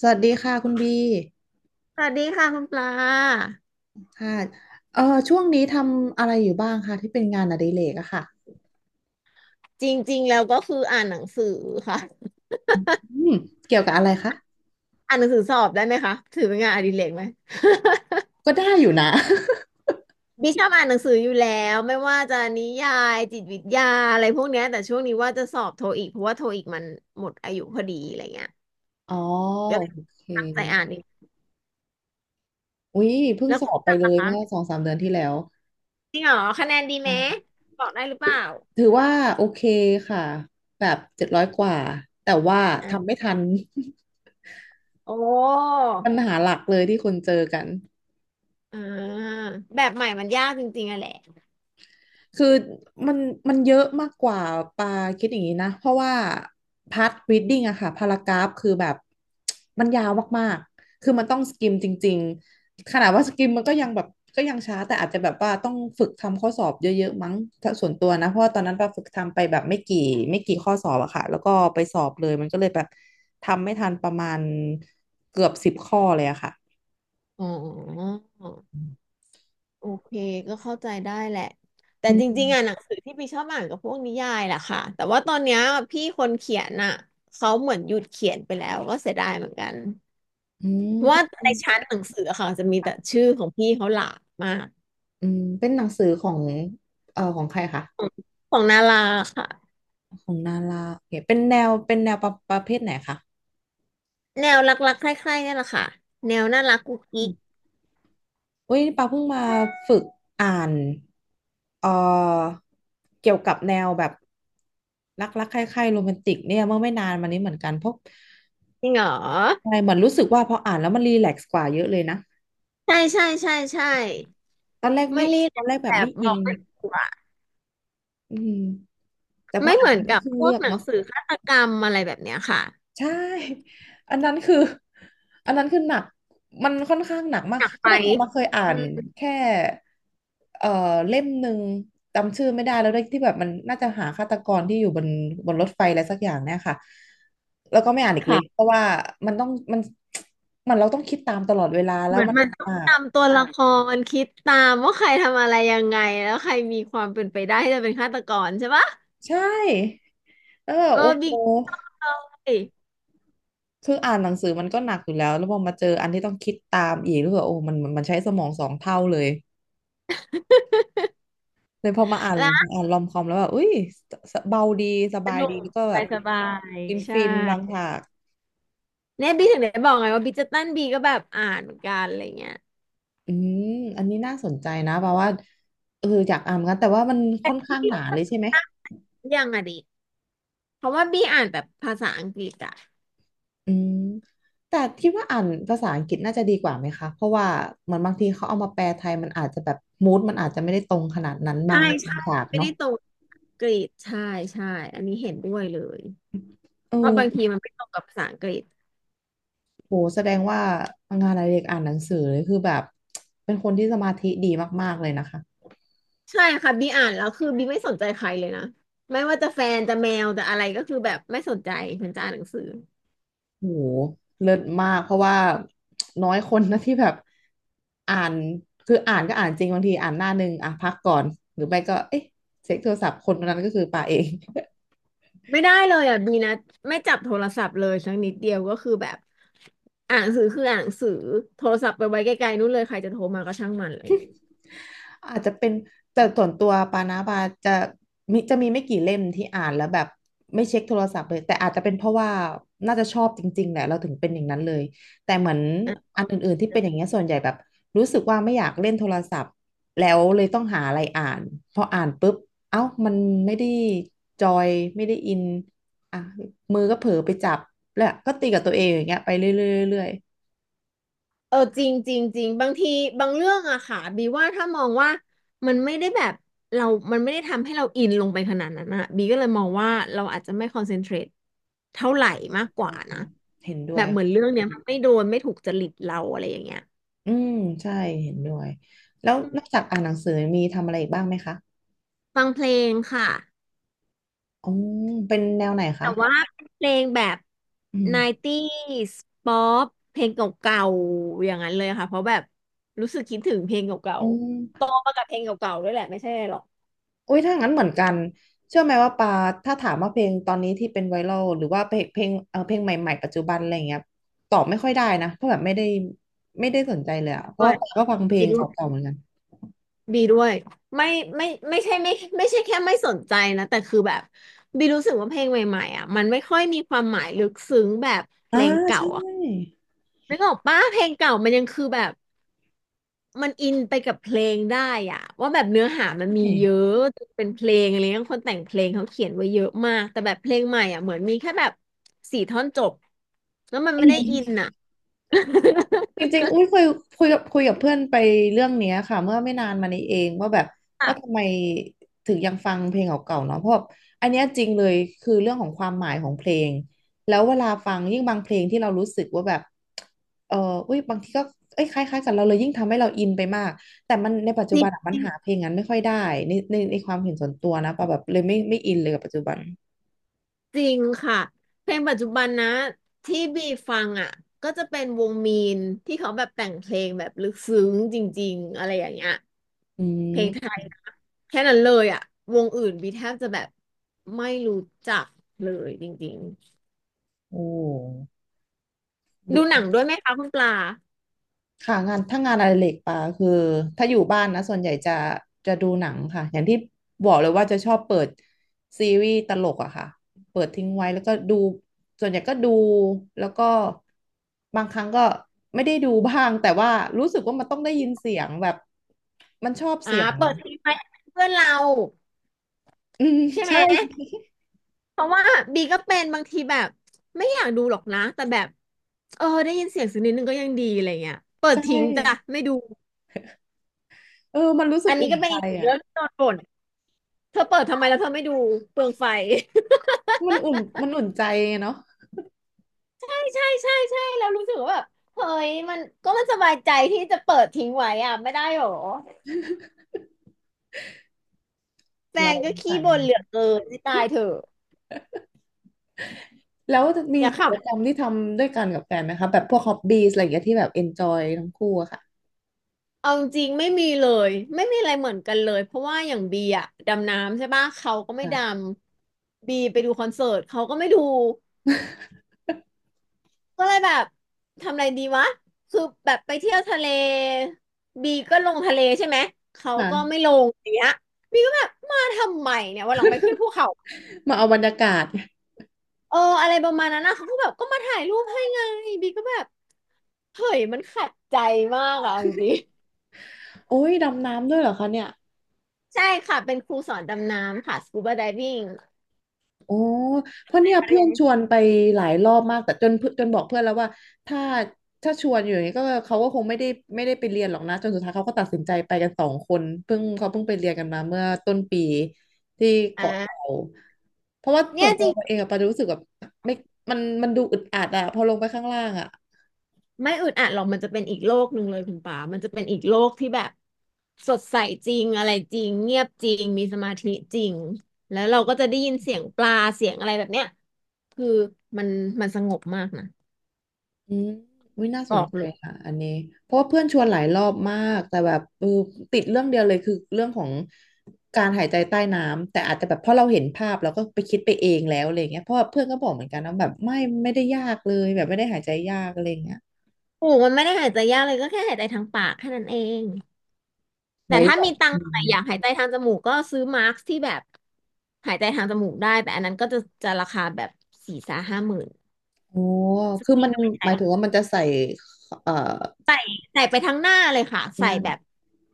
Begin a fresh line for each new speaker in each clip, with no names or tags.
สวัสดีค่ะคุณบี
สวัสดีค่ะคุณปลา
ค่ะเอ่อช่วงนี้ทำอะไรอยู่บ้างคะที่เป็นงานอดิเรกอะค่ะ
จริงๆแล้วก็คืออ่านหนังสือค่ะ
อืมเกี่ยวกับอะไรคะ
อ่านหนังสือสอบได้ไหมคะถือเป็นงานอดิเรกไหม
ก็ได้อยู่นะ
ดิชอบอ่านหนังสืออยู่แล้วไม่ว่าจะนิยายจิตวิทยาอะไรพวกเนี้ยแต่ช่วงนี้ว่าจะสอบโทอีกเพราะว่าโทอีกมันหมดอายุพอดีอะไรเงี้ย
อ๋อ
ก็เลย
โอเค
ตั้งใจอ่านอีก
อุ๊ยเพิ่ง
แล้ว
สอ
คุณ
บไป
ปลา
เล
ล่ะ
ยเมื่อ
คะ
สองสามเดือนที่แล้ว
จริงเหรอคะแนนดีไหม
ใช่
บอกได้หรือเปล่า
ถือว่าโอเคค่ะแบบ700กว่าแต่ว่า
อ่ะ
ทำไม่ทัน
โอ้
ปัญหาหลักเลยที่คนเจอกัน
อ่าแบบใหม่มันยากจริงๆอะแหละ
คือมันมันเยอะมากกว่าปาคิดอย่างนี้นะเพราะว่าพาร์ทรีดดิ้งอะค่ะพารากราฟคือแบบมันยาวมากๆคือมันต้องสกิมจริงๆขนาดว่าสกิมมันก็ยังแบบก็ยังช้าแต่อาจจะแบบว่าต้องฝึกทำข้อสอบเยอะๆมั้งถ้าส่วนตัวนะเพราะว่าตอนนั้นปาฝึกทำไปแบบไม่กี่ข้อสอบอะค่ะแล้วก็ไปสอบเลยมันก็เลยแบบทำไม่ทันประมาณเกือบ10ข้อเลยอะค่ะ
อ๋อ โอเคก็เข้าใจได้แหละแต่
อื
จริงๆอ่ะหนั
ม
งสือที่พี่ชอบอ่านกับพวกนิยายแหละค่ะแต่ว่าตอนเนี้ยพี่คนเขียนอ่ะเขาเหมือนหยุดเขียนไปแล้วก็เสียดายเหมือนกัน
อืม
เพราะ
เป็
ว่า
น
ในชั้นหนังสืออะค่ะจะมีแต่ชื่อของพี่เขาหลากมาก
เป็นหนังสือของของใครคะ
ของของนาราค่ะ
ของนาราโอเคเป็นแนวประเภทไหนคะ
แนวรักๆใคร่ๆเนี่ยแหละค่ะแนวน่ารักกุ๊ก
อื
กิ๊ก
มอุ้ยปาเพิ่งมาฝึกอ่านเอ่อเกี่ยวกับแนวแบบรักใคร่ๆโรแมนติกเนี่ยเมื่อไม่นานมานี้เหมือนกันเพราะ
จริงเหรอ
ใช่เหมือนรู้สึกว่าพออ่านแล้วมันรีแลกซ์กว่าเยอะเลยนะ
ใช่ใช่ใช่ใช่
ตอนแรก
มา
ไม่
รี
ต
แล
อน
ก
แรก
ซ์
แบ
แบ
บ
บ
ไม่
บ
อิ
อ
น
กไม่ถูกอะ
อืมแต่พอ
ไม่
อ่า
เห
น
มื
ไป
อน
ก็
กับ
ขึ้น
พ
เลื
วก
อก
หนัง
เนาะ
สือฆาตกรรมอะไรแบบเนี้ยค่ะ
ใช่ อันนั้นคือ อันนั้นคือหนักมันค่อนข้างหนักมาก
อยาก
ก็
ไป
แบบมาเคยอ่า
อื
น
ม
แค่เอ่อเล่มหนึ่งจำชื่อไม่ได้แล้วด้วยที่แบบมันน่าจะหาฆาตกรที่อยู่บนรถไฟอะไรสักอย่างเนี่ยค่ะแล้วก็ไม่อ่านอีกเลยเพราะว่ามันต้องมันมันเราต้องคิดตามตลอดเวลาแล้
เห
ว
มือน
มัน
มันต้
ห
อง
นัก
ตามตัวละครคิดตามว่าใครทำอะไรยังไงแล้วใครมีความเป็นไปได้ที่จะเป็นฆาตกรใช่ปะ
ใช่แล้วแบ
เอ
บ
อ
โอ้โห
บิ๊กเลย
คืออ่านหนังสือมันก็หนักอยู่แล้วแล้วพอมาเจออันที่ต้องคิดตามอีกรู้สึกว่าโอ้มันใช้สมอง2 เท่าเลย เลยพอมาอ่าน
แล้ว
รอมคอมแล้วแบบอุ้ยสเบาดีส
ส
บาย
นุ
ดี
กส
แล้วก็แบ
บา
บ
ยสบาย
ฟิน
ใช
ฟินบาง
่
ฉาก
เนี่ยบิ๊กถึงได้บอกไงว่าบิ๊กจะตั้นบีก็แบบอ่านเหมือนกันอะไรเงี้ย
อืมอันนี้น่าสนใจนะเพราะว่าเอออยากอ่านเหมือนกันแต่ว่ามันค่อน
นี่
ข้างห
ย
นาเลย
ก
ใช่ไหม
ยังอะดิเพราะว่าบีอ่านแบบภาษาอังกฤษอ่ะ
อืมแต่คิดว่าอ่านภาษาอังกฤษน่าจะดีกว่าไหมคะเพราะว่าเหมือนบางทีเขาเอามาแปลไทยมันอาจจะแบบมูดมันอาจจะไม่ได้ตรงขนาดนั้นบา
ใช่
งเรื่องบา
ใช่
งฉาก
ไม่
เนาะ
ได้ตรงอังกฤษใช่ใช่อันนี้เห็นด้วยเลย
เอ
ว่าบางที
อ
มันไม่ตรงกับภาษาอังกฤษ
โหแสดงว่างานอดิเรกอ่านหนังสือเลยคือแบบเป็นคนที่สมาธิดีมากๆเลยนะคะ
ใช่ค่ะบีอ่านแล้วคือบีไม่สนใจใครเลยนะไม่ว่าจะแฟนจะแมวจะอะไรก็คือแบบไม่สนใจฉันจะอ่านหนังสือ
โหเลิศมากเพราะว่าน้อยคนนะที่แบบอ่านคืออ่านก็อ่านจริงบางทีอ่านหน้าหนึ่งอ่ะพักก่อนหรือไม่ก็เอ๊ะเช็คโทรศัพท์คนคนนั้นก็คือป่าเอง
ไม่ได้เลยอ่ะบีนะไม่จับโทรศัพท์เลยสักนิดเดียวก็คือแบบอ่านหนังสือคืออ่านหนังสือโทรศัพท์ไปไว้ไกลๆนู่นเลยใครจะโทรมาก็ช่างมันเลย
อาจจะเป็นแต่ส่วนตัวปานาบาจะจะมีไม่กี่เล่มที่อ่านแล้วแบบไม่เช็คโทรศัพท์เลยแต่อาจจะเป็นเพราะว่าน่าจะชอบจริงๆแหละเราถึงเป็นอย่างนั้นเลยแต่เหมือนอันอื่นๆที่เป็นอย่างเงี้ยส่วนใหญ่แบบรู้สึกว่าไม่อยากเล่นโทรศัพท์แล้วเลยต้องหาอะไรอ่านพออ่านปุ๊บเอ้ามันไม่ได้จอยไม่ได้อินอ่ะมือก็เผลอไปจับแล้วก็ตีกับตัวเองอย่างเงี้ยไปเรื่อยๆเรื่อย
เออจริงจริงจริงบางทีบางเรื่องอะค่ะบีว่าถ้ามองว่ามันไม่ได้แบบเรามันไม่ได้ทำให้เราอินลงไปขนาดนั้นอะบีก็เลยมองว่าเราอาจจะไม่คอนเซนเทรตเท่าไหร่มากกว่านะ
ๆเห็นด้
แบ
วย
บเหมือนเรื่องเนี้ยมันไม่โดนไม่ถูกจริตเราอะไรอย่างเงี้ย
อืมใช่เห็นด้วยแล้วนอกจากอ่านหนังสือมีทำอะไรอีกบ้างไหมคะ
ฟังเพลงค่ะ
อ๋อเป็นแนวไหน
แต่
คะ
ว่าเป็นเพลงแบบ
อืม
90s ป๊อปเพลงเก่าๆอย่างนั้นเลยค่ะเพราะแบบรู้สึกคิดถึงเพลงเก่า
อ๋อ
ๆโตมากับเพลงเก่าๆด้วยแหละไม่ใช่หรอก
อุ้ยถ้างั้นเหมือนกันเชื่อไหมว่าปาถ้าถามว่าเพลงตอนนี้ที่เป็นไวรัลหรือว่าเพลงเพลงใหม่ๆปัจจุบันอะไรอย่างเงี้ยตอบไม่ค่อยได้นะเพราะแบบไม่ได้สนใจเลยอะเพราะ
ด้ว
ว่า
ย
ปาก็ฟังเพลงเก่าๆเหมือนกัน
บีด้วยไม่ไม่ไม่ใช่ไม่ใช่แค่ไม่สนใจนะแต่คือแบบบีรู้สึกว่าเพลงใหม่ๆอ่ะมันไม่ค่อยมีความหมายลึกซึ้งแบบเพ
อ่า
ลงเก่า
ใช่
อ่ะนึกออกปะเพลงเก่ามันยังคือแบบมันอินไปกับเพลงได้อ่ะว่าแบบเนื้อหามันมี
ใ
เยอะเป็นเพลงอะไรเงี้ยคนแต่งเพลงเขาเขียนไว้เยอะมากแต่แบบเพลงใหม่อ่ะเหมือนมีแค่แบบสี่ท่อนจบแล้วมัน
ช
ไม่ได้อิน
่
อ่ะ
จริงๆอุ้ยคุยกับเพื่อนไปเรื่องเนี้ยค่ะเมื่อไม่นานมานี้เองว่าแบบว่าทำ ไมถึงยังฟังเพลงเก่าๆเนาะเพราะแบบอันเนี้ยจริงเลยคือเรื่องของความหมายของเพลงแล้วเวลาฟังยิ่งบางเพลงที่เรารู้สึกว่าแบบเอออุ้ยบางทีก็เอ้ยคล้ายๆกันเราเลยยิ่งทำให้เราอินไปมากแต่มันในปัจ
จ
จุบันอะมัน
ริ
หาเพ
ง
ลงนั้นไม่ค่อยได้ในในความเห็นส่วนตัวนะปะแบบเลยไม่อินเลยกับปัจจุบัน
จริงค่ะเพลงปัจจุบันนะที่บีฟังอ่ะก็จะเป็นวงมีนที่เขาแบบแต่งเพลงแบบลึกซึ้งจริงๆอะไรอย่างเงี้ย
อื
เพลง
ม
ไทยแค่นั้นเลยอ่ะวงอื่นบีแทบจะแบบไม่รู้จักเลยจริง
โอ้
ๆดูหนังด้วยไหมคะคุณปลา
ค่ะงานถ้างานอดิเรกปาคือถ้าอยู่บ้านนะส่วนใหญ่จะดูหนังค่ะอย่างที่บอกเลยว่าจะชอบเปิดซีรีส์ตลกอะค่ะเปิดทิ้งไว้แล้วก็ดูส่วนใหญ่ก็ดูแล้วก็บางครั้งก็ไม่ได้ดูบ้างแต่ว่ารู้สึกว่ามันต้องได้ยินเสียงแบบมันชอบ
อ่า
เสียง
เปิดทีไปเพื่อนเรา
อืม
ใช่ไหม
ใช่
เพราะว่าบีก็เป็นบางทีแบบไม่อยากดูหรอกนะแต่แบบเออได้ยินเสียงสักนิดนึงก็ยังดีอะไรเงี้ยเปิ
ใช
ดทิ้งจ้ะ
่
ไม่ดู
เออมันรู้สึ
อั
ก
นนี้
อุ่น
ก็เป็น
ใจ
อีกหนึ่ง
อะ
เรื่องที่โดนบ่น เธอเปิดทำไมแล้วเธอไม่ดูเปลืองไฟ
มันอุ่นมันอุ่นใจเนาะ
ใช่ใช่ใช่ใช่แล้วรู้สึกว่าแบบเฮ้ยมันก็มันสบายใจที่จะเปิดทิ้งไว้อ่ะไม่ได้หรอแฟ
เรา
นก็ขี้
ใส่
บ่นเหลือเกินที่ตายเถอะ
แล้วมี
อย่าข
กิจกรรมที่ทำด้วยกันกับแฟนไหมคะแบบพวกฮอบบี้อะไรอย่างเงี้ยที่แบบเอนจอยทั้งคู่อะค่ะ
ำเอาจริงไม่มีเลยไม่มีอะไรเหมือนกันเลยเพราะว่าอย่างบีอะดำน้ำใช่ปะเขาก็ไม่ด
อ่า
ำบีไปดูคอนเสิร์ตเขาก็ไม่ดู ก็เลยแบบทำอะไรดีวะคือแบบไปเที่ยวทะเลบีก็ลงทะเลใช่ไหมเขาก็ไม่
ค่ะ
ลงอย่างเงี้ยบีก็แบบมาทำไมเนี่ยวันหลังไปขึ้นภูเขา
มาเอาบรรยากาศ
เอออะไรประมาณนั้นนะเขาก็แบบก็มาถ่ายรูปให้ไงบีก็แบบเฮ้ยมันขัดใจมากอะจริง
โอ้ยดำน้ำด้วยเหรอคะเนี่ย
ๆใช่ค่ะเป็นครูสอนดำน้ำค่ะสกูบาได i ิ g ง
โอ้เพราะเนี่ย
เรี
เพื่
ย
อ
น
นชวนไปหลายรอบมากแต่จนเพื่อนจนบอกเพื่อนแล้วว่าถ้าถ้าชวนอยู่อย่างนี้ก็เขาก็คงไม่ได้ไม่ได้ไปเรียนหรอกนะจนสุดท้ายเขาก็ตัดสินใจไปกันสองคนเพิ่งเขาเพิ่งไปเรียนกันมาเมื่อต้นปีที่เกาะเต่า
อ่า
เพราะว่าส่
เนี่
ว
ย
นตั
จ
วเองอะปารู้สึกแบบไม่มันดูอึดอัดอะพอลงไปข้างล่างอะ
ไม่อึดอัดหรอกมันจะเป็นอีกโลกหนึ่งเลยคุณป๋ามันจะเป็นอีกโลกที่แบบสดใสจริงอะไรจริงเงียบจริงมีสมาธิจริงแล้วเราก็จะได้ยินเสียงปลาเสียงอะไรแบบเนี้ยคือมันมันสงบมากนะ
อืมวิน่า
บ
สน
อก
ใจ
เลย
ค่ะอันนี้เพราะว่าเพื่อนชวนหลายรอบมากแต่แบบเออติดเรื่องเดียวเลยคือเรื่องของการหายใจใต้น้ำแต่อาจจะแบบเพราะเราเห็นภาพเราก็ไปคิดไปเองแล้วอะไรอย่างเงี้ยเพราะว่าเพื่อนก็บอกเหมือนกันนะแบบไม่ไม่ได้ยากเลยแบบไม่ได้หายใจยากอะไรอย่างเงี้ย
ถูกมันไม่ได้หายใจยากเลยก็แค่หายใจทางปากแค่นั้นเองแต่
ไว้
ถ้า
แบ
มี
บ
ตัง
อื
ค์หน่อ
ม
ยอยากหายใจทางจมูกก็ซื้อมาร์คที่แบบหายใจทางจมูกได้แต่อันนั้นก็จะราคาแบบ40,000-50,000
โอ้
ซึ่ง
คือ
ปี
มัน
ก็ไม่ใช่
หมายถึงว่ามันจะใส่เอ่อ
ใส่ไปทั้งหน้าเลยค่ะใส่
นั่น
แบบ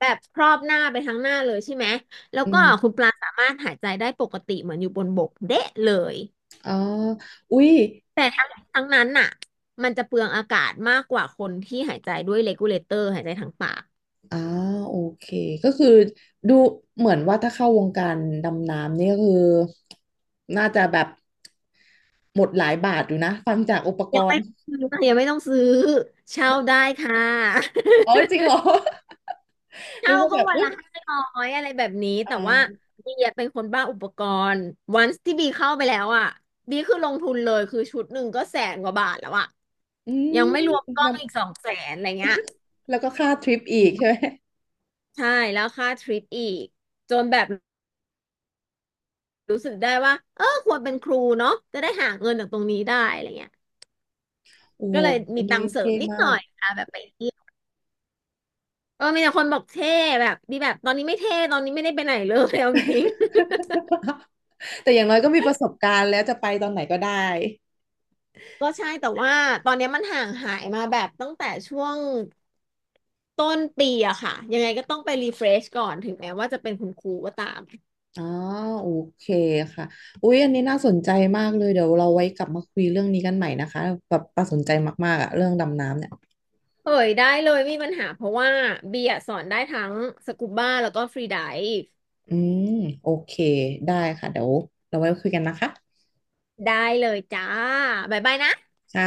แบบครอบหน้าไปทั้งหน้าเลยใช่ไหมแล้ว
อื
ก็
ม
คุณปลาสามารถหายใจได้ปกติเหมือนอยู่บนบกเดะเลย
อ๋ออุ๊ย
แต่ทั้งนั้นน่ะมันจะเปลืองอากาศมากกว่าคนที่หายใจด้วยเ e กูเลเตอร์หายใจทางปาก
อ่าโอเคก็คือดูเหมือนว่าถ้าเข้าวงการดำน้ำเนี่ยก็คือน่าจะแบบหมดหลายบาทอยู่นะฟังจากอุปก
ยัง
ร
ไม่
ณ์
ต้องซื้อค่ะยังไม่ต้องซื้อเช่าได้ค่ะ
อ๋อจริงเหร อ นึ
เช่า
กว่า
ก็
แบบ
วัน
อุ้ย
ละ500อะไรแบบนี้
อ่
แต่ว่า
า
บีอะเป็นคนบ้าอุปกรณ์วันที่บีเข้าไปแล้วอ่ะบีคือลงทุนเลยคือชุดหนึ่งก็100,000 กว่าบาทแล้วอ่ะ
อื
ยัง
ม
ไม่รวมกล้
น
องอีก200,000อะไรเงี้ย
ำแล้วก็ค่าทริปอีกใช่ไหม
ใช่แล้วค่าทริปอีกจนแบบรู้สึกได้ว่าเออควรเป็นครูเนาะจะได้หาเงินจากตรงนี้ได้อะไรเงี้ย
โอ้โห
ก็เลย
อั
มี
น
ตั
นี้
งค์เสริ
เท่
มนิด
มา
หน่อ
ก
ยอ่ะแบบไปเที่ยวเออมีแต่คนบอกเท่แบบดีแบบตอนนี้ไม่เท่ตอนนี้ไม่ได้ไปไหนเลยเอาจริง
แต่อย่างน้อยก็มีประสบการณ์แล้วจะไปตอนไหนก็ได้
ๆ ก็ใช่แต่ว่าตอนเนี้ยมันห่างหายมาแบบตั้งแต่ช่วงต้นปีอะค่ะยังไงก็ต้องไปรีเฟรชก่อนถึงแม้ว่าจะเป็นคุณครูก็ตาม
อ๋อโอเคค่ะอุ๊ยอันนี้น่าสนใจมากเลยเดี๋ยวเราไว้กลับมาคุยเรื่องนี้กันใหม่นะคะแบบประสนใจมากๆอะเรื่องดำน้ำเนี่ย
เฮ้ยได้เลยไมมีปัญหาเพราะว่าเบียร์สอนได้ทั้งสกูบ้าแล้วก็ฟรีไดฟ์
อืมโอเคได้ค่ะเดี๋ยวเราไว้คุยกันนะคะ
ได้เลยจ้าบ๊ายบายนะ
ค่ะ